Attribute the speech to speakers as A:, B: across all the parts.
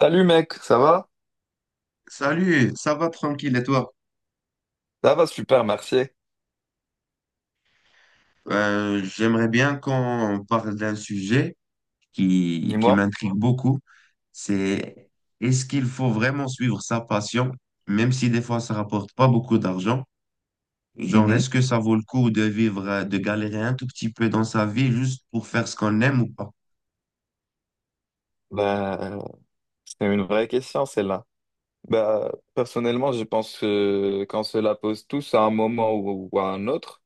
A: Salut mec, ça va?
B: Salut, ça va tranquille et toi?
A: Ça va super, merci.
B: J'aimerais bien qu'on parle d'un sujet qui
A: Dis-moi.
B: m'intrigue beaucoup. C'est Est-ce qu'il faut vraiment suivre sa passion, même si des fois ça rapporte pas beaucoup d'argent? Genre,
A: Mhm.
B: est-ce que ça vaut le coup de vivre, de galérer un tout petit peu dans sa vie juste pour faire ce qu'on aime ou pas?
A: ben, c'est une vraie question celle-là. Ben, personnellement, je pense que quand cela pose tous à un moment ou à un autre,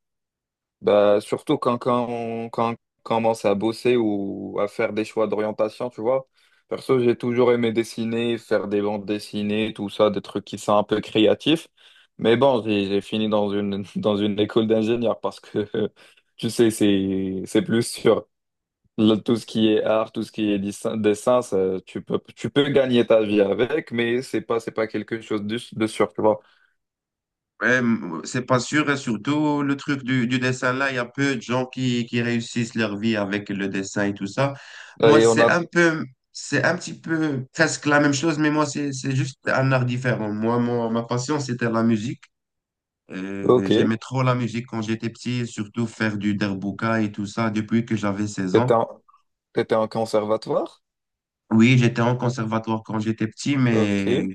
A: ben, surtout quand on commence à bosser ou à faire des choix d'orientation, tu vois. Perso, j'ai toujours aimé dessiner, faire des bandes dessinées, tout ça, des trucs qui sont un peu créatifs. Mais bon, j'ai fini dans une, dans une école d'ingénieur parce que, tu sais, c'est plus sûr. Tout ce qui est art, tout ce qui est dessin, ça, tu peux gagner ta vie avec, mais c'est pas quelque chose de sûr, tu vois.
B: Ouais, c'est pas sûr, et surtout le truc du dessin là, il y a peu de gens qui réussissent leur vie avec le dessin et tout ça. Moi,
A: Et on
B: c'est
A: a.
B: un peu, C'est un petit peu presque la même chose, mais moi, c'est juste un art différent. Moi, ma passion, c'était la musique. Euh,
A: Ok,
B: j'aimais trop la musique quand j'étais petit, surtout faire du derbuka et tout ça depuis que j'avais 16
A: t'étais
B: ans.
A: en, t'étais en conservatoire?
B: Oui, j'étais en conservatoire quand j'étais petit,
A: Ok, le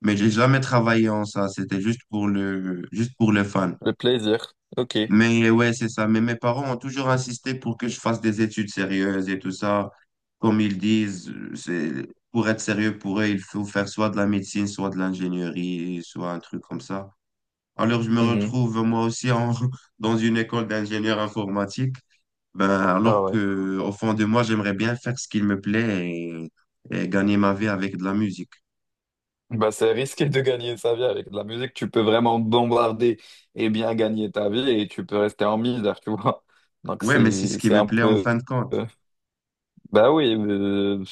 B: mais j'ai jamais travaillé en ça. C'était juste pour le fun.
A: plaisir, ok.
B: Mais ouais, c'est ça. Mais mes parents ont toujours insisté pour que je fasse des études sérieuses et tout ça. Comme ils disent, pour être sérieux pour eux, il faut faire soit de la médecine, soit de l'ingénierie, soit un truc comme ça. Alors, je me
A: Mhm.
B: retrouve moi aussi en, dans une école d'ingénieur informatique. Ben,
A: Ah
B: alors
A: ouais.
B: que, au fond de moi, j'aimerais bien faire ce qui me plaît et gagner ma vie avec de la musique.
A: Bah, c'est risqué de gagner sa vie avec de la musique. Tu peux vraiment bombarder et bien gagner ta vie et tu peux rester en misère, tu vois. Donc,
B: Ouais, mais c'est ce qui
A: c'est
B: me
A: un
B: plaît en
A: peu.
B: fin de compte.
A: euh, Bah oui,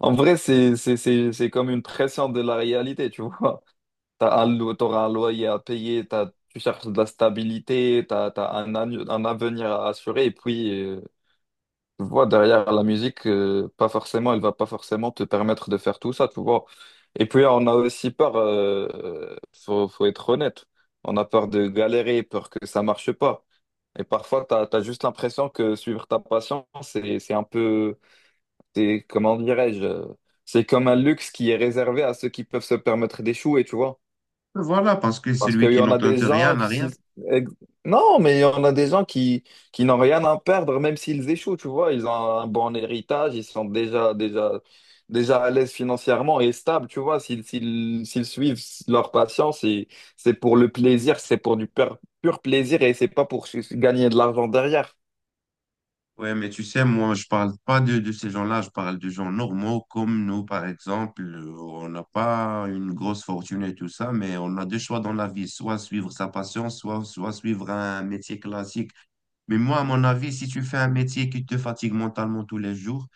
A: en vrai, c'est comme une pression de la réalité, tu vois. T'auras un loyer à payer, t'as, tu cherches de la stabilité, un avenir à assurer, et puis, tu vois, derrière la musique, pas forcément, elle va pas forcément te permettre de faire tout ça, tu vois. Et puis, on a aussi peur, faut être honnête, on a peur de galérer, peur que ça marche pas. Et parfois, t'as juste l'impression que suivre ta passion, c'est un peu c'est, comment dirais-je, c'est comme un luxe qui est réservé à ceux qui peuvent se permettre d'échouer, tu vois.
B: Voilà, parce que
A: Parce
B: celui
A: qu'il y
B: qui
A: en a
B: n'entend
A: des
B: rien
A: gens
B: n'a
A: qui...
B: rien.
A: ex- Non, mais il y en a des gens qui n'ont rien à perdre, même s'ils échouent, tu vois. Ils ont un bon héritage, ils sont déjà à l'aise financièrement et stables, tu vois. S'ils suivent leur passion, c'est pour le plaisir, c'est pour du pur, pur plaisir et c'est pas pour gagner de l'argent derrière.
B: Ouais, mais tu sais, moi, je parle pas de ces gens-là, je parle de gens normaux comme nous, par exemple. On n'a pas une grosse fortune et tout ça, mais on a deux choix dans la vie, soit suivre sa passion, soit suivre un métier classique. Mais moi, à mon avis, si tu fais un métier qui te fatigue mentalement tous les jours,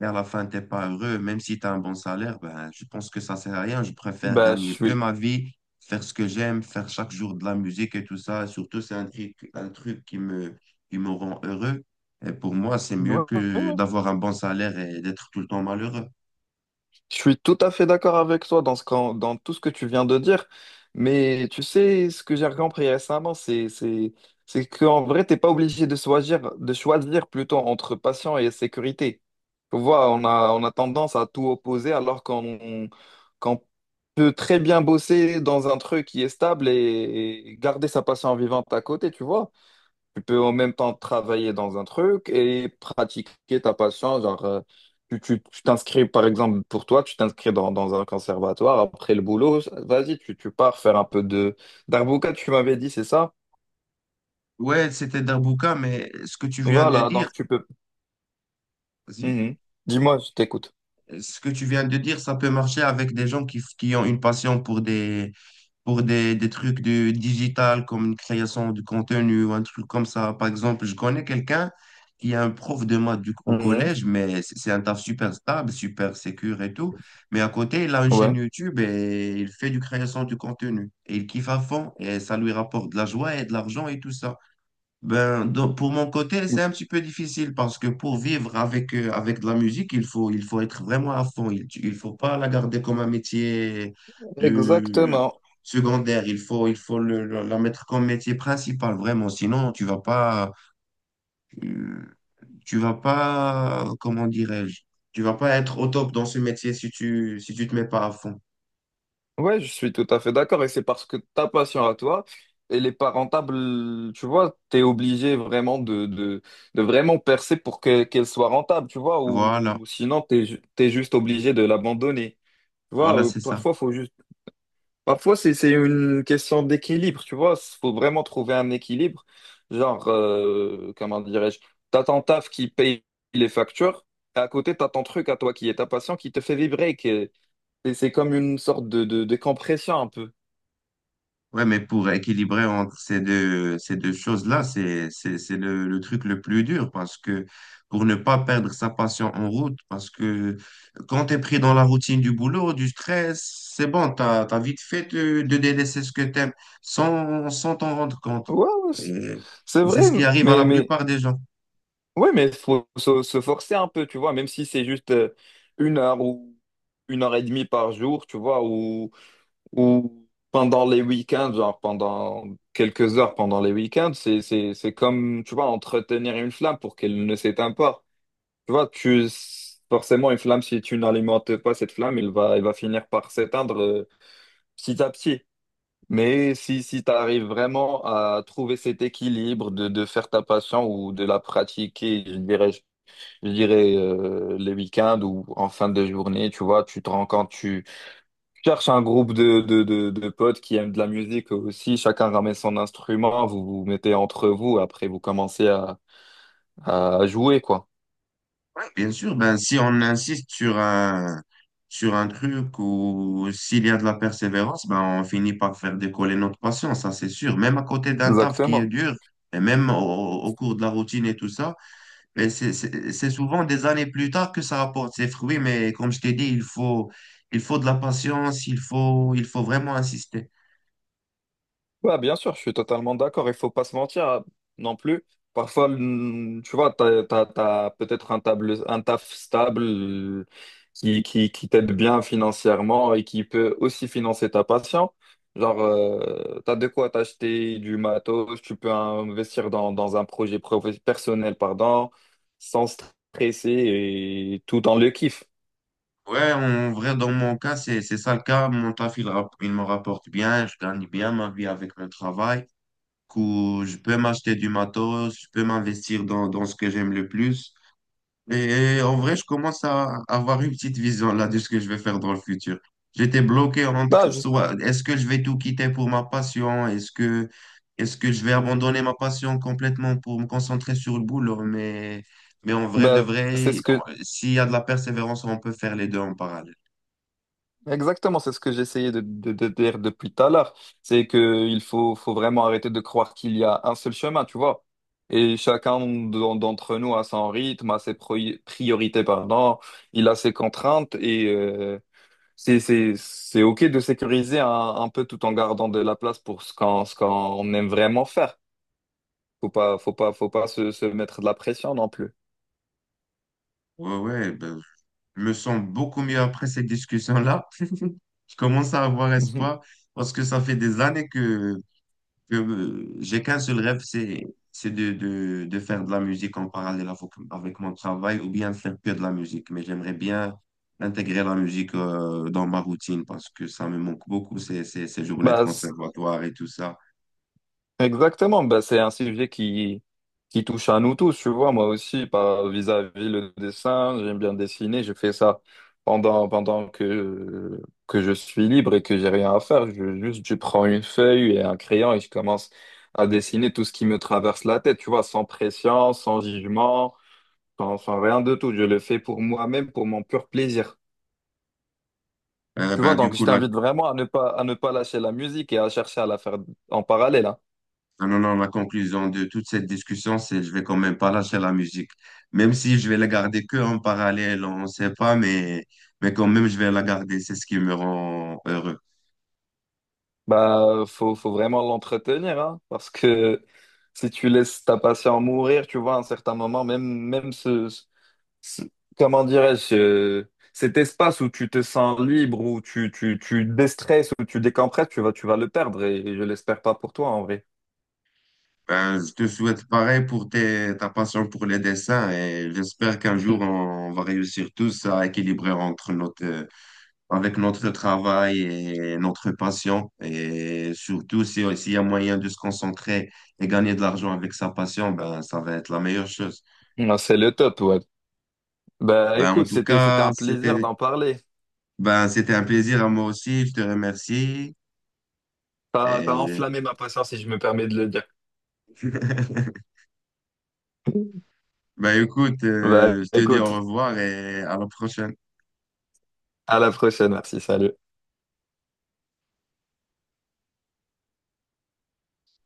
B: et à la fin, t'es pas heureux, même si tu as un bon salaire, ben, je pense que ça sert à rien. Je préfère
A: Ben, je
B: gagner peu
A: suis.
B: ma vie, faire ce que j'aime, faire chaque jour de la musique et tout ça. Et surtout, c'est un truc qui me rend heureux. Et pour moi, c'est mieux que
A: Ouais.
B: d'avoir un bon salaire et d'être tout le temps malheureux.
A: Je suis tout à fait d'accord avec toi dans dans tout ce que tu viens de dire, mais tu sais, ce que j'ai compris récemment, c'est qu'en vrai, t'es pas obligé de choisir plutôt entre patient et sécurité. Tu vois, on a tendance à tout opposer alors qu'on peut très bien bosser dans un truc qui est stable et garder sa passion vivante à côté, tu vois. Tu peux en même temps travailler dans un truc et pratiquer ta passion. Genre, tu t'inscris, par exemple, pour toi, tu t'inscris dans un conservatoire. Après le boulot, vas-y, tu pars faire un peu de d'arbouca, tu m'avais dit, c'est ça?
B: Ouais, c'était Darbuka, mais ce que tu viens de
A: Voilà,
B: dire,
A: donc tu peux.
B: vas-y.
A: Mhm. Dis-moi, je t'écoute.
B: Ce que tu viens de dire, ça peut marcher avec des gens qui, qui ont une passion pour des, des trucs de digital comme une création de contenu ou un truc comme ça. Par exemple, je connais quelqu'un qui est un prof de maths au
A: Mhm.
B: collège, mais c'est un taf super stable, super sécure et tout. Mais à côté, il a une chaîne
A: Ouais.
B: YouTube et il fait du création de contenu. Et il kiffe à fond et ça lui rapporte de la joie et de l'argent et tout ça. Ben, donc, pour mon côté, c'est un petit peu difficile parce que pour vivre avec, avec de la musique, il faut être vraiment à fond. Il ne faut pas la garder comme un métier de,
A: Exactement.
B: secondaire. Il faut la mettre comme métier principal, vraiment. Sinon, euh, tu vas pas, comment dirais-je, tu vas pas être au top dans ce métier si tu te mets pas à fond.
A: Ouais, je suis tout à fait d'accord et c'est parce que ta passion à toi, elle est pas rentable, tu vois, t'es obligé vraiment de vraiment percer pour que, qu'elle soit rentable, tu vois,
B: Voilà,
A: ou sinon t'es, t'es juste obligé de l'abandonner. Tu vois,
B: voilà, c'est ça.
A: parfois faut juste, parfois c'est une question d'équilibre, tu vois, faut vraiment trouver un équilibre, genre, comment dirais-je, t'as ton taf qui paye les factures, et à côté t'as ton truc à toi qui est ta passion qui te fait vibrer, et c'est comme une sorte de compression un peu.
B: Ouais, mais pour équilibrer entre ces deux choses-là, c'est le truc le plus dur parce que pour ne pas perdre sa passion en route, parce que quand tu es pris dans la routine du boulot, du stress, c'est bon, tu as, vite fait de délaisser ce que tu aimes sans t'en rendre compte.
A: Ouais, ouais,
B: Et
A: c'est
B: C'est
A: vrai,
B: ce qui arrive à
A: mais,
B: la
A: mais,
B: plupart des gens.
A: ouais, mais faut se, se forcer un peu, tu vois, même si c'est juste une heure ou une heure et demie par jour, tu vois, ou pendant les week-ends, genre pendant quelques heures pendant les week-ends, c'est comme, tu vois, entretenir une flamme pour qu'elle ne s'éteigne pas. Tu vois, forcément, une flamme, si tu n'alimentes pas cette flamme, elle va finir par s'éteindre petit à petit. Mais si tu arrives vraiment à trouver cet équilibre de faire ta passion ou de la pratiquer, je dirais les week-ends ou en fin de journée, tu vois, tu te rends compte, tu cherches un groupe de potes qui aiment de la musique aussi, chacun ramène son instrument, vous vous mettez entre vous, après vous commencez à jouer, quoi.
B: Ouais, bien sûr, ben, si on insiste sur un truc ou s'il y a de la persévérance, ben, on finit par faire décoller notre passion, ça c'est sûr. Même à côté d'un taf qui est
A: Exactement.
B: dur, et même au cours de la routine et tout ça, mais c'est souvent des années plus tard que ça rapporte ses fruits. Mais comme je t'ai dit, il faut de la patience, il faut vraiment insister.
A: Ouais, bien sûr, je suis totalement d'accord. Il faut pas se mentir hein, non plus. Parfois, tu vois, t'as peut-être un table, un taf stable qui t'aide bien financièrement et qui peut aussi financer ta passion. Genre, t'as de quoi t'acheter du matos, tu peux investir dans un projet personnel, pardon, sans stresser et tout dans le kiff.
B: Ouais, en vrai, dans mon cas, c'est ça le cas. Mon taf, il me rapporte bien, je gagne bien ma vie avec mon travail. Où je peux m'acheter du matos, je peux m'investir dans ce que j'aime le plus. Et, en vrai, je commence à avoir une petite vision là de ce que je vais faire dans le futur. J'étais bloqué entre
A: Bah, je-
B: soit est-ce que je vais tout quitter pour ma passion, est-ce que je vais abandonner ma passion complètement pour me concentrer sur le boulot, mais en vrai de
A: bah, c'est
B: vrai,
A: ce que
B: s'il y a de la persévérance, on peut faire les deux en parallèle.
A: Exactement, c'est ce que j'essayais de dire depuis tout à l'heure. C'est que faut vraiment arrêter de croire qu'il y a un seul chemin, tu vois. Et chacun d'entre nous a son rythme, a ses priorités, pardon, il a ses contraintes et c'est OK de sécuriser un peu tout en gardant de la place pour ce qu'on aime vraiment faire. Faut pas se, se mettre de la pression non plus.
B: Ouais, ouais, ben, je me sens beaucoup mieux après cette discussion-là. Je commence à avoir espoir parce que ça fait des années que j'ai qu'un seul rêve, c'est de faire de la musique en parallèle avec, avec mon travail ou bien faire que de la musique. Mais j'aimerais bien intégrer la musique dans ma routine parce que ça me manque beaucoup ces journées de
A: Bah,
B: conservatoire et tout ça.
A: Exactement, bah, c'est un sujet qui touche à nous tous, tu vois, moi aussi, par vis-à-vis le dessin, j'aime bien dessiner, je fais ça pendant que je suis libre et que j'ai rien à faire, juste je prends une feuille et un crayon et je commence à dessiner tout ce qui me traverse la tête, tu vois, sans pression, sans jugement, sans rien de tout, je le fais pour moi-même, pour mon pur plaisir.
B: Euh,
A: Tu vois,
B: ben, du
A: donc je
B: coup, là,
A: t'invite vraiment à ne pas lâcher la musique et à chercher à la faire en parallèle, hein.
B: Ah non, non, la conclusion de toute cette discussion, c'est je vais quand même pas lâcher la musique. Même si je vais la garder que en parallèle, on ne sait pas, mais quand même, je vais la garder. C'est ce qui me rend heureux.
A: Bah, faut vraiment l'entretenir, hein, parce que si tu laisses ta passion mourir, tu vois, à un certain moment, même ce, ce- comment dirais-je, cet espace où tu te sens libre, où tu déstresses, où tu décompresses, tu vas le perdre, et je l'espère pas pour toi, en vrai.
B: Ben, je te souhaite pareil pour ta passion pour les dessins et j'espère qu'un jour, on va réussir tous à équilibrer entre avec notre travail et notre passion. Et surtout, si, s'il y a moyen de se concentrer et gagner de l'argent avec sa passion, ben, ça va être la meilleure chose.
A: Non, c'est le top, ouais. Bah,
B: Ben, en
A: écoute,
B: tout
A: c'était
B: cas,
A: un plaisir d'en parler.
B: c'était un plaisir à moi aussi. Je te remercie.
A: T'as
B: Et...
A: enflammé ma passion, si je me permets de le dire.
B: ben, écoute,
A: Bah,
B: je te dis au
A: écoute,
B: revoir et à la prochaine.
A: à la prochaine, merci, salut.